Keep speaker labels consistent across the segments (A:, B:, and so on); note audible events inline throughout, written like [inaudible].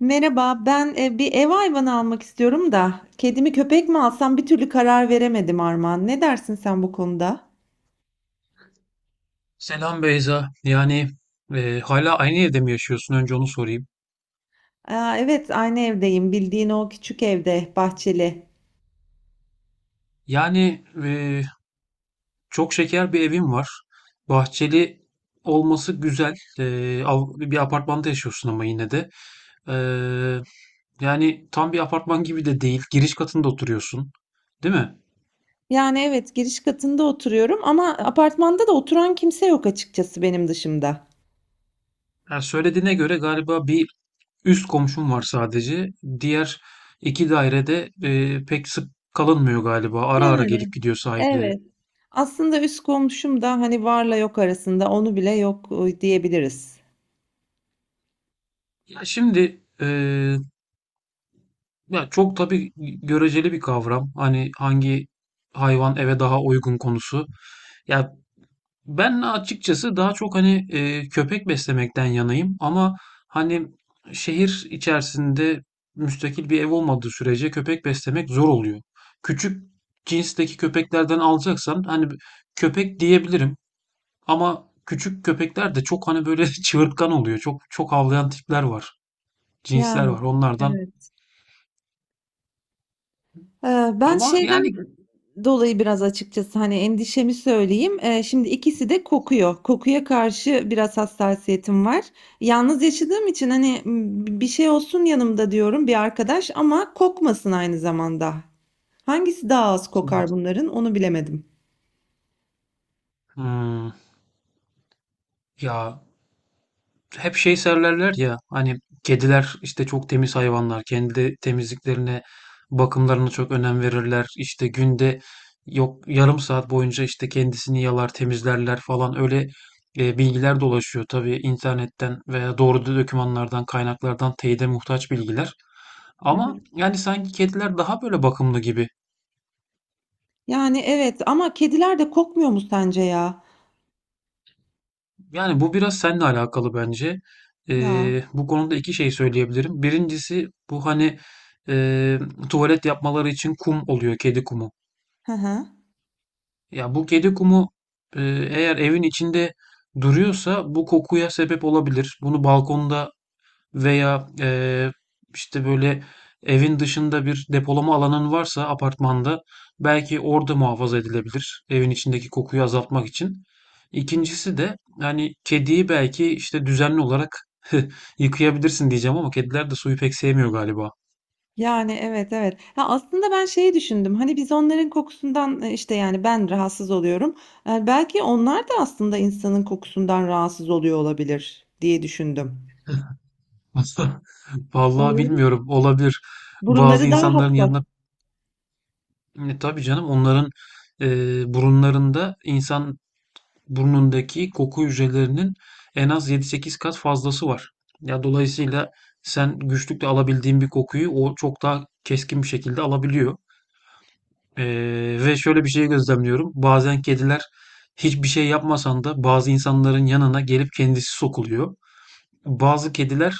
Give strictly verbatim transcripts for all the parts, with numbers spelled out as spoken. A: Merhaba, ben e, bir ev hayvanı almak istiyorum da kedimi köpek mi alsam bir türlü karar veremedim Armağan. Ne dersin sen bu konuda?
B: Selam Beyza. Yani e, hala aynı evde mi yaşıyorsun? Önce onu sorayım.
A: Aa, evet, aynı evdeyim. Bildiğin o küçük evde, bahçeli.
B: Yani e, çok şeker bir evim var. Bahçeli olması güzel. E, av- bir apartmanda yaşıyorsun ama yine de. E, Yani tam bir apartman gibi de değil. Giriş katında oturuyorsun, değil mi?
A: Yani evet, giriş katında oturuyorum ama apartmanda da oturan kimse yok açıkçası benim dışımda.
B: Ya söylediğine göre galiba bir üst komşum var sadece. Diğer iki dairede e, pek sık kalınmıyor galiba. Ara ara gelip
A: Yani
B: gidiyor sahipleri.
A: evet. Aslında üst komşum da hani varla yok arasında onu bile yok e, diyebiliriz.
B: Ya şimdi e, Ya çok tabii göreceli bir kavram. Hani hangi hayvan eve daha uygun konusu. Ya ben açıkçası daha çok hani e, köpek beslemekten yanayım ama hani şehir içerisinde müstakil bir ev olmadığı sürece köpek beslemek zor oluyor. Küçük cinsteki köpeklerden alacaksan hani köpek diyebilirim ama küçük köpekler de çok hani böyle [laughs] çığırtkan oluyor. Çok çok havlayan tipler var, cinsler var
A: Yani
B: onlardan.
A: evet. Eee, ben
B: Ama
A: şeyden
B: yani.
A: dolayı biraz açıkçası, hani, endişemi söyleyeyim. Eee, şimdi ikisi de kokuyor. Kokuya karşı biraz hassasiyetim var. Yalnız yaşadığım için, hani, ımm, "Bir şey olsun yanımda." diyorum, bir arkadaş ama kokmasın aynı zamanda. Hangisi daha az kokar bunların, onu bilemedim.
B: Hmm, Ya hep şey söylerler ya hani kediler işte çok temiz hayvanlar, kendi temizliklerine, bakımlarına çok önem verirler. İşte günde yok yarım saat boyunca işte kendisini yalar temizlerler falan, öyle e, bilgiler dolaşıyor tabii internetten veya doğru dokümanlardan, kaynaklardan teyide muhtaç bilgiler,
A: Hı
B: ama
A: hı.
B: yani sanki kediler daha böyle bakımlı gibi.
A: Yani, evet ama kediler de kokmuyor mu sence ya?
B: Yani bu biraz seninle alakalı bence.
A: Ya.
B: Ee, bu konuda iki şey söyleyebilirim. Birincisi, bu hani e, tuvalet yapmaları için kum oluyor, kedi kumu.
A: Hı hı.
B: Ya bu kedi kumu, e, eğer evin içinde duruyorsa bu kokuya sebep olabilir. Bunu balkonda veya eee, işte böyle evin dışında bir depolama alanın varsa apartmanda belki orada muhafaza edilebilir. Evin içindeki kokuyu azaltmak için. İkincisi de yani kediyi belki işte düzenli olarak [laughs] yıkayabilirsin diyeceğim ama kediler de suyu pek sevmiyor galiba.
A: Yani, evet, evet. Ya, aslında ben şeyi düşündüm, hani, biz onların kokusundan, eee, işte, yani, ben rahatsız oluyorum. Eee, belki onlar da aslında insanın kokusundan rahatsız oluyor olabilir diye düşündüm.
B: [laughs] Vallahi
A: Onların
B: bilmiyorum, olabilir. Bazı
A: burunları daha
B: insanların
A: hassas.
B: yanına. E, tabii canım, onların e, burunlarında insan burnundaki koku hücrelerinin en az yedi sekiz kat fazlası var. Ya dolayısıyla sen güçlükle alabildiğin bir kokuyu o çok daha keskin bir şekilde alabiliyor. E, Ve şöyle bir şey gözlemliyorum. Bazen kediler hiçbir şey yapmasan da bazı insanların yanına gelip kendisi sokuluyor. Bazı kediler,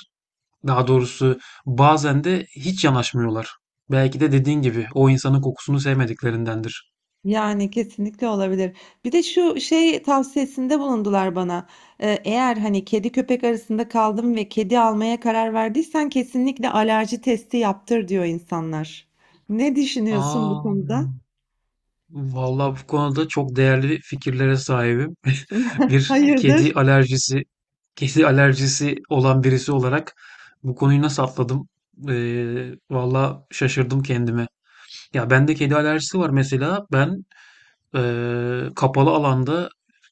B: daha doğrusu, bazen de hiç yanaşmıyorlar. Belki de dediğin gibi o insanın kokusunu sevmediklerindendir.
A: Yani, kesinlikle olabilir. Bir de şu şey tavsiyesinde bulundular bana. Eee, eğer, hani, kedi köpek arasında kaldım ve kedi almaya karar verdiysen kesinlikle alerji testi yaptır diyor insanlar. Ne düşünüyorsun bu
B: Aa,
A: konuda?
B: vallahi bu konuda çok değerli fikirlere sahibim. [laughs]
A: [laughs]
B: Bir kedi
A: Hayırdır?
B: alerjisi, Kedi alerjisi olan birisi olarak bu konuyu nasıl atladım? Ee, vallahi şaşırdım kendime. Ya bende kedi alerjisi var mesela. Ben eee, kapalı alanda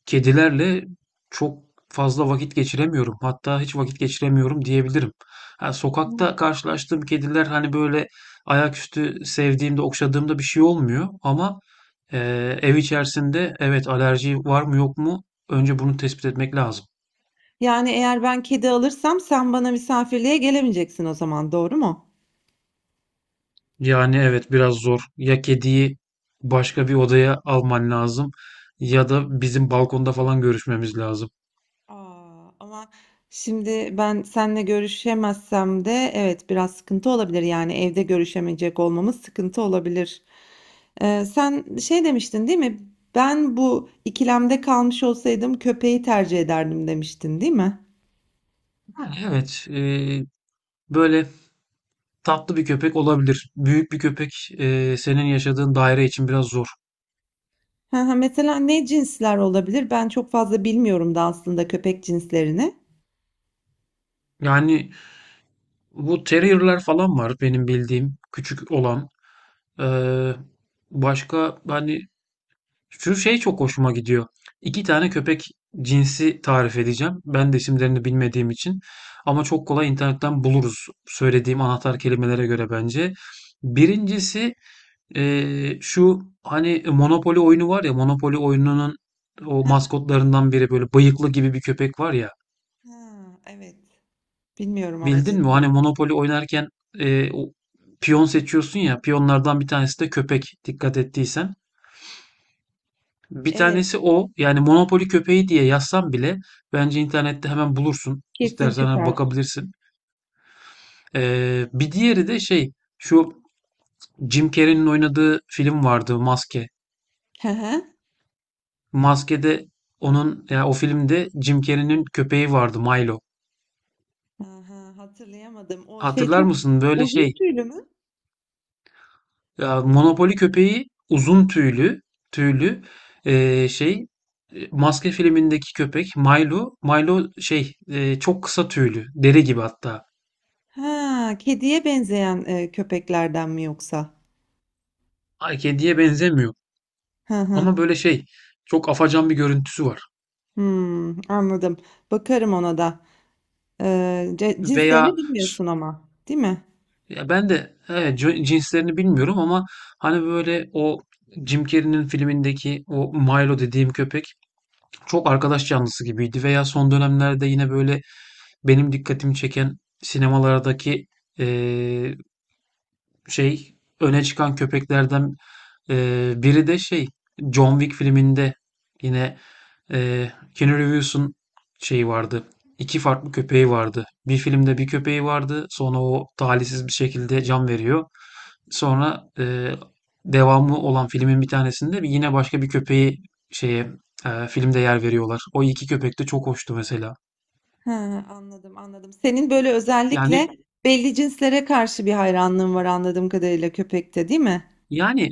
B: kedilerle çok fazla vakit geçiremiyorum. Hatta hiç vakit geçiremiyorum diyebilirim. Ha, sokakta karşılaştığım kediler hani böyle ayaküstü sevdiğimde, okşadığımda bir şey olmuyor. Ama eee, ev içerisinde evet alerji var mı yok mu, önce bunu tespit etmek lazım.
A: Yani, eğer ben kedi alırsam sen bana misafirliğe gelemeyeceksin o zaman, doğru mu?
B: Yani evet, biraz zor. Ya kediyi başka bir odaya alman lazım ya da bizim balkonda falan görüşmemiz lazım.
A: Aa, ama şimdi ben seninle görüşemezsem de evet, biraz sıkıntı olabilir. Yani, evde görüşemeyecek olmamız sıkıntı olabilir. Eee, sen şey demiştin, değil mi? Ben bu ikilemde kalmış olsaydım köpeği tercih ederdim demiştin, değil mi?
B: Yani evet, e, böyle tatlı bir köpek olabilir. Büyük bir köpek, eee, senin yaşadığın daire için biraz zor.
A: Hı hı. Mesela ne cinsler olabilir? Ben çok fazla bilmiyorum da aslında köpek cinslerini.
B: Yani bu terrier'ler falan var benim bildiğim küçük olan. Eee, Başka hani şu şey çok hoşuma gidiyor. İki tane köpek cinsi tarif edeceğim. Ben de isimlerini bilmediğim için. Ama çok kolay internetten buluruz söylediğim anahtar kelimelere göre bence. Birincisi. Ee, şu hani e, Monopoly oyunu var ya, Monopoly oyununun o
A: Hı
B: maskotlarından biri böyle bıyıklı gibi bir köpek var ya,
A: hı, evet. Bilmiyorum ama
B: bildin mi? Hani
A: cinsini.
B: Monopoly oynarken e, o piyon seçiyorsun ya, piyonlardan bir tanesi de köpek, dikkat ettiysen. Bir
A: Evet,
B: tanesi o, yani Monopoly köpeği diye yazsan bile bence internette hemen bulursun.
A: kesin
B: İstersen hani
A: çıkar.
B: bakabilirsin. Ee, bir diğeri de şey, şu Jim Carrey'nin oynadığı film vardı, Maske.
A: Hı hı.
B: Maskede onun, ya o filmde Jim Carrey'nin köpeği vardı, Milo.
A: Aha, hatırlayamadım. O şey
B: Hatırlar
A: çok
B: mısın? Böyle
A: uzun
B: şey,
A: tüylü mü?
B: ya Monopoly köpeği uzun tüylü tüylü, eee, şey e, Maske filmindeki köpek Milo Milo şey, e, çok kısa tüylü, deri gibi hatta.
A: Ha, kediye benzeyen e, köpeklerden mi yoksa?
B: Ay, kediye benzemiyor
A: Hı hı.
B: ama böyle şey, çok afacan bir görüntüsü var.
A: Hmm, anladım. Bakarım ona da. Ee, ce-
B: Veya
A: cinslerini
B: s-
A: bilmiyorsun ama, değil mi?
B: ya ben de evet, c- cinslerini bilmiyorum ama hani böyle, o Jim Carrey'nin filmindeki o Milo dediğim köpek çok arkadaş canlısı gibiydi. Veya son dönemlerde yine böyle benim dikkatimi çeken sinemalardaki, eee, şey öne çıkan köpeklerden eee, biri de şey, John Wick filminde yine eee Keanu Reeves'un şeyi vardı. İki farklı köpeği vardı. Bir filmde bir köpeği vardı. Sonra o talihsiz bir şekilde can veriyor. Sonra, eee, devamı olan filmin bir tanesinde yine başka bir köpeği, şeye, eee, filmde yer veriyorlar. O iki köpek de çok hoştu mesela.
A: Ha, anladım, anladım. Senin böyle özellikle
B: Yani
A: belli cinslere karşı bir hayranlığın var anladığım kadarıyla köpekte, değil mi?
B: yani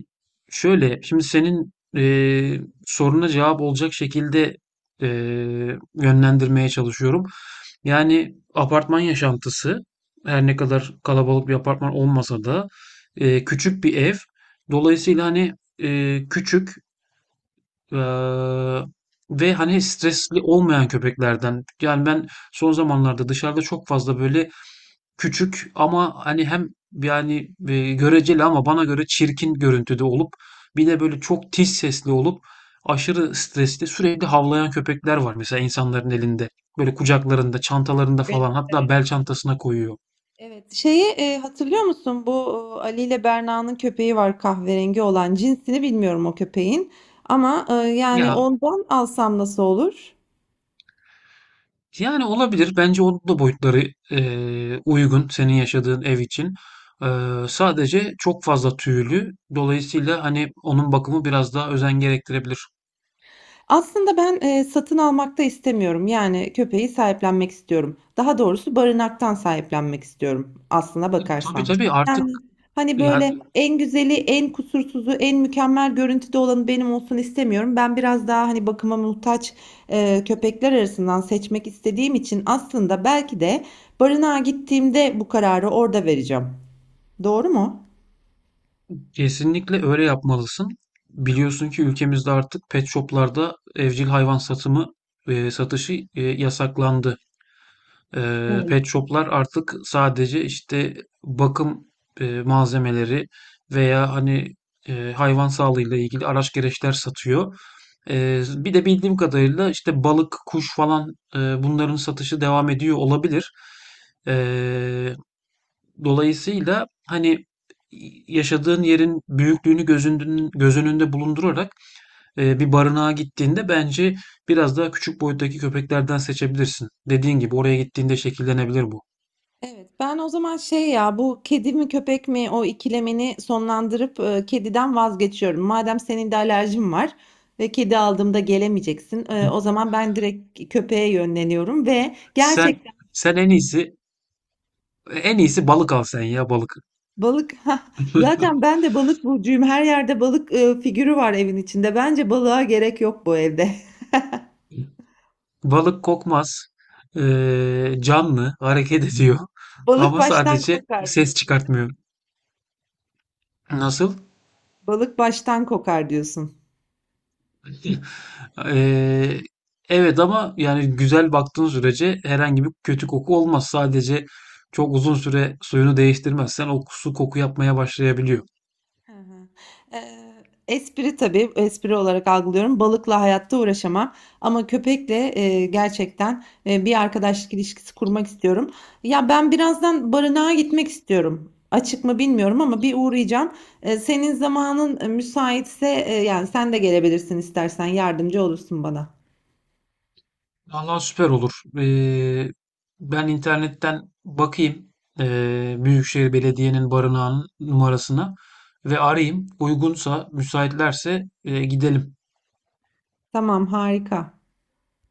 B: şöyle, şimdi senin, eee, soruna cevap olacak şekilde, eee, yönlendirmeye çalışıyorum. Yani apartman yaşantısı, her ne kadar kalabalık bir apartman olmasa da, eee, küçük bir ev. Dolayısıyla hani, eee, küçük. Eee, Ve hani stresli olmayan köpeklerden. Yani ben son zamanlarda dışarıda çok fazla böyle küçük ama hani, hem yani e, göreceli, ama bana göre çirkin görüntüde olup, bir de böyle çok tiz sesli olup aşırı stresli sürekli havlayan köpekler var mesela insanların elinde. Böyle kucaklarında, çantalarında falan,
A: Evet,
B: hatta
A: evet.
B: bel çantasına koyuyor.
A: Evet. Şeyi e, hatırlıyor musun? Bu e, Ali ile Berna'nın köpeği var kahverengi olan. Cinsini bilmiyorum o köpeğin. Ama e, yani
B: Ya,
A: ondan alsam nasıl olur?
B: yani olabilir. Bence onun da boyutları, eee, uygun senin yaşadığın ev için. Eee, sadece çok fazla tüylü. Dolayısıyla hani onun bakımı biraz daha özen gerektirebilir.
A: Aslında ben, eee, satın almak da istemiyorum. Yani köpeği sahiplenmek istiyorum. Daha doğrusu barınaktan sahiplenmek istiyorum aslına
B: E, Tabii
A: bakarsan.
B: tabii artık,
A: Yani, hani,
B: ya,
A: böyle, en güzeli, en kusursuzu, en mükemmel görüntüde olanı benim olsun istemiyorum. Ben biraz daha, hani, bakıma muhtaç, eee, köpekler arasından seçmek istediğim için aslında belki de barınağa gittiğimde bu kararı orada vereceğim. Doğru mu?
B: kesinlikle öyle yapmalısın. Biliyorsun ki ülkemizde artık pet shoplarda evcil hayvan satımı, eee, satışı eee, yasaklandı. Eee, pet shop'lar artık sadece işte bakım, eee, malzemeleri veya hani, eee, hayvan sağlığıyla ilgili araç gereçler satıyor. Eee, bir de bildiğim kadarıyla işte balık, kuş falan, eee, bunların satışı devam ediyor olabilir. Eee, Dolayısıyla hani yaşadığın yerin büyüklüğünü gözündün göz önünde bulundurarak, eee, bir barınağa gittiğinde bence biraz daha küçük boyuttaki köpeklerden seçebilirsin. Dediğin gibi oraya gittiğinde şekillenebilir bu.
A: Evet, ben o zaman şey ya bu kedi mi köpek mi o ikilemini sonlandırıp e, kediden vazgeçiyorum. Madem senin de alerjin var ve kedi aldığımda gelemeyeceksin. E, o zaman ben direkt köpeğe yönleniyorum ve
B: Sen
A: gerçekten
B: sen en iyisi en iyisi balık al sen, ya balık.
A: balık [laughs] zaten
B: [laughs]
A: ben de balık burcuyum. Her yerde balık e, figürü var evin içinde. Bence balığa gerek yok bu evde. [laughs]
B: Balık kokmaz. Ee, canlı, hareket ediyor.
A: Balık
B: Ama
A: baştan
B: sadece
A: kokar
B: ses
A: diyorsun, değil mi?
B: çıkartmıyor. Nasıl?
A: Balık baştan kokar diyorsun.
B: Ee, evet, ama yani güzel baktığın sürece herhangi bir kötü koku olmaz. Sadece çok uzun süre suyunu değiştirmezsen o su koku yapmaya başlayabiliyor.
A: Hı hı. Eee, espri tabii, espri olarak algılıyorum. Balıkla hayatta uğraşamam ama köpekle eee, gerçekten eee, bir arkadaşlık ilişkisi kurmak istiyorum. Ya ben birazdan barınağa gitmek istiyorum. Açık mı bilmiyorum ama bir uğrayacağım. Eee, senin zamanın e, müsaitse e, yani sen de gelebilirsin istersen yardımcı olursun bana.
B: Vallahi süper olur. Ee, Ben internetten bakayım, ee, Büyükşehir Belediye'nin barınağının numarasına ve arayayım. Uygunsa, müsaitlerse e, gidelim.
A: Tamam, harika.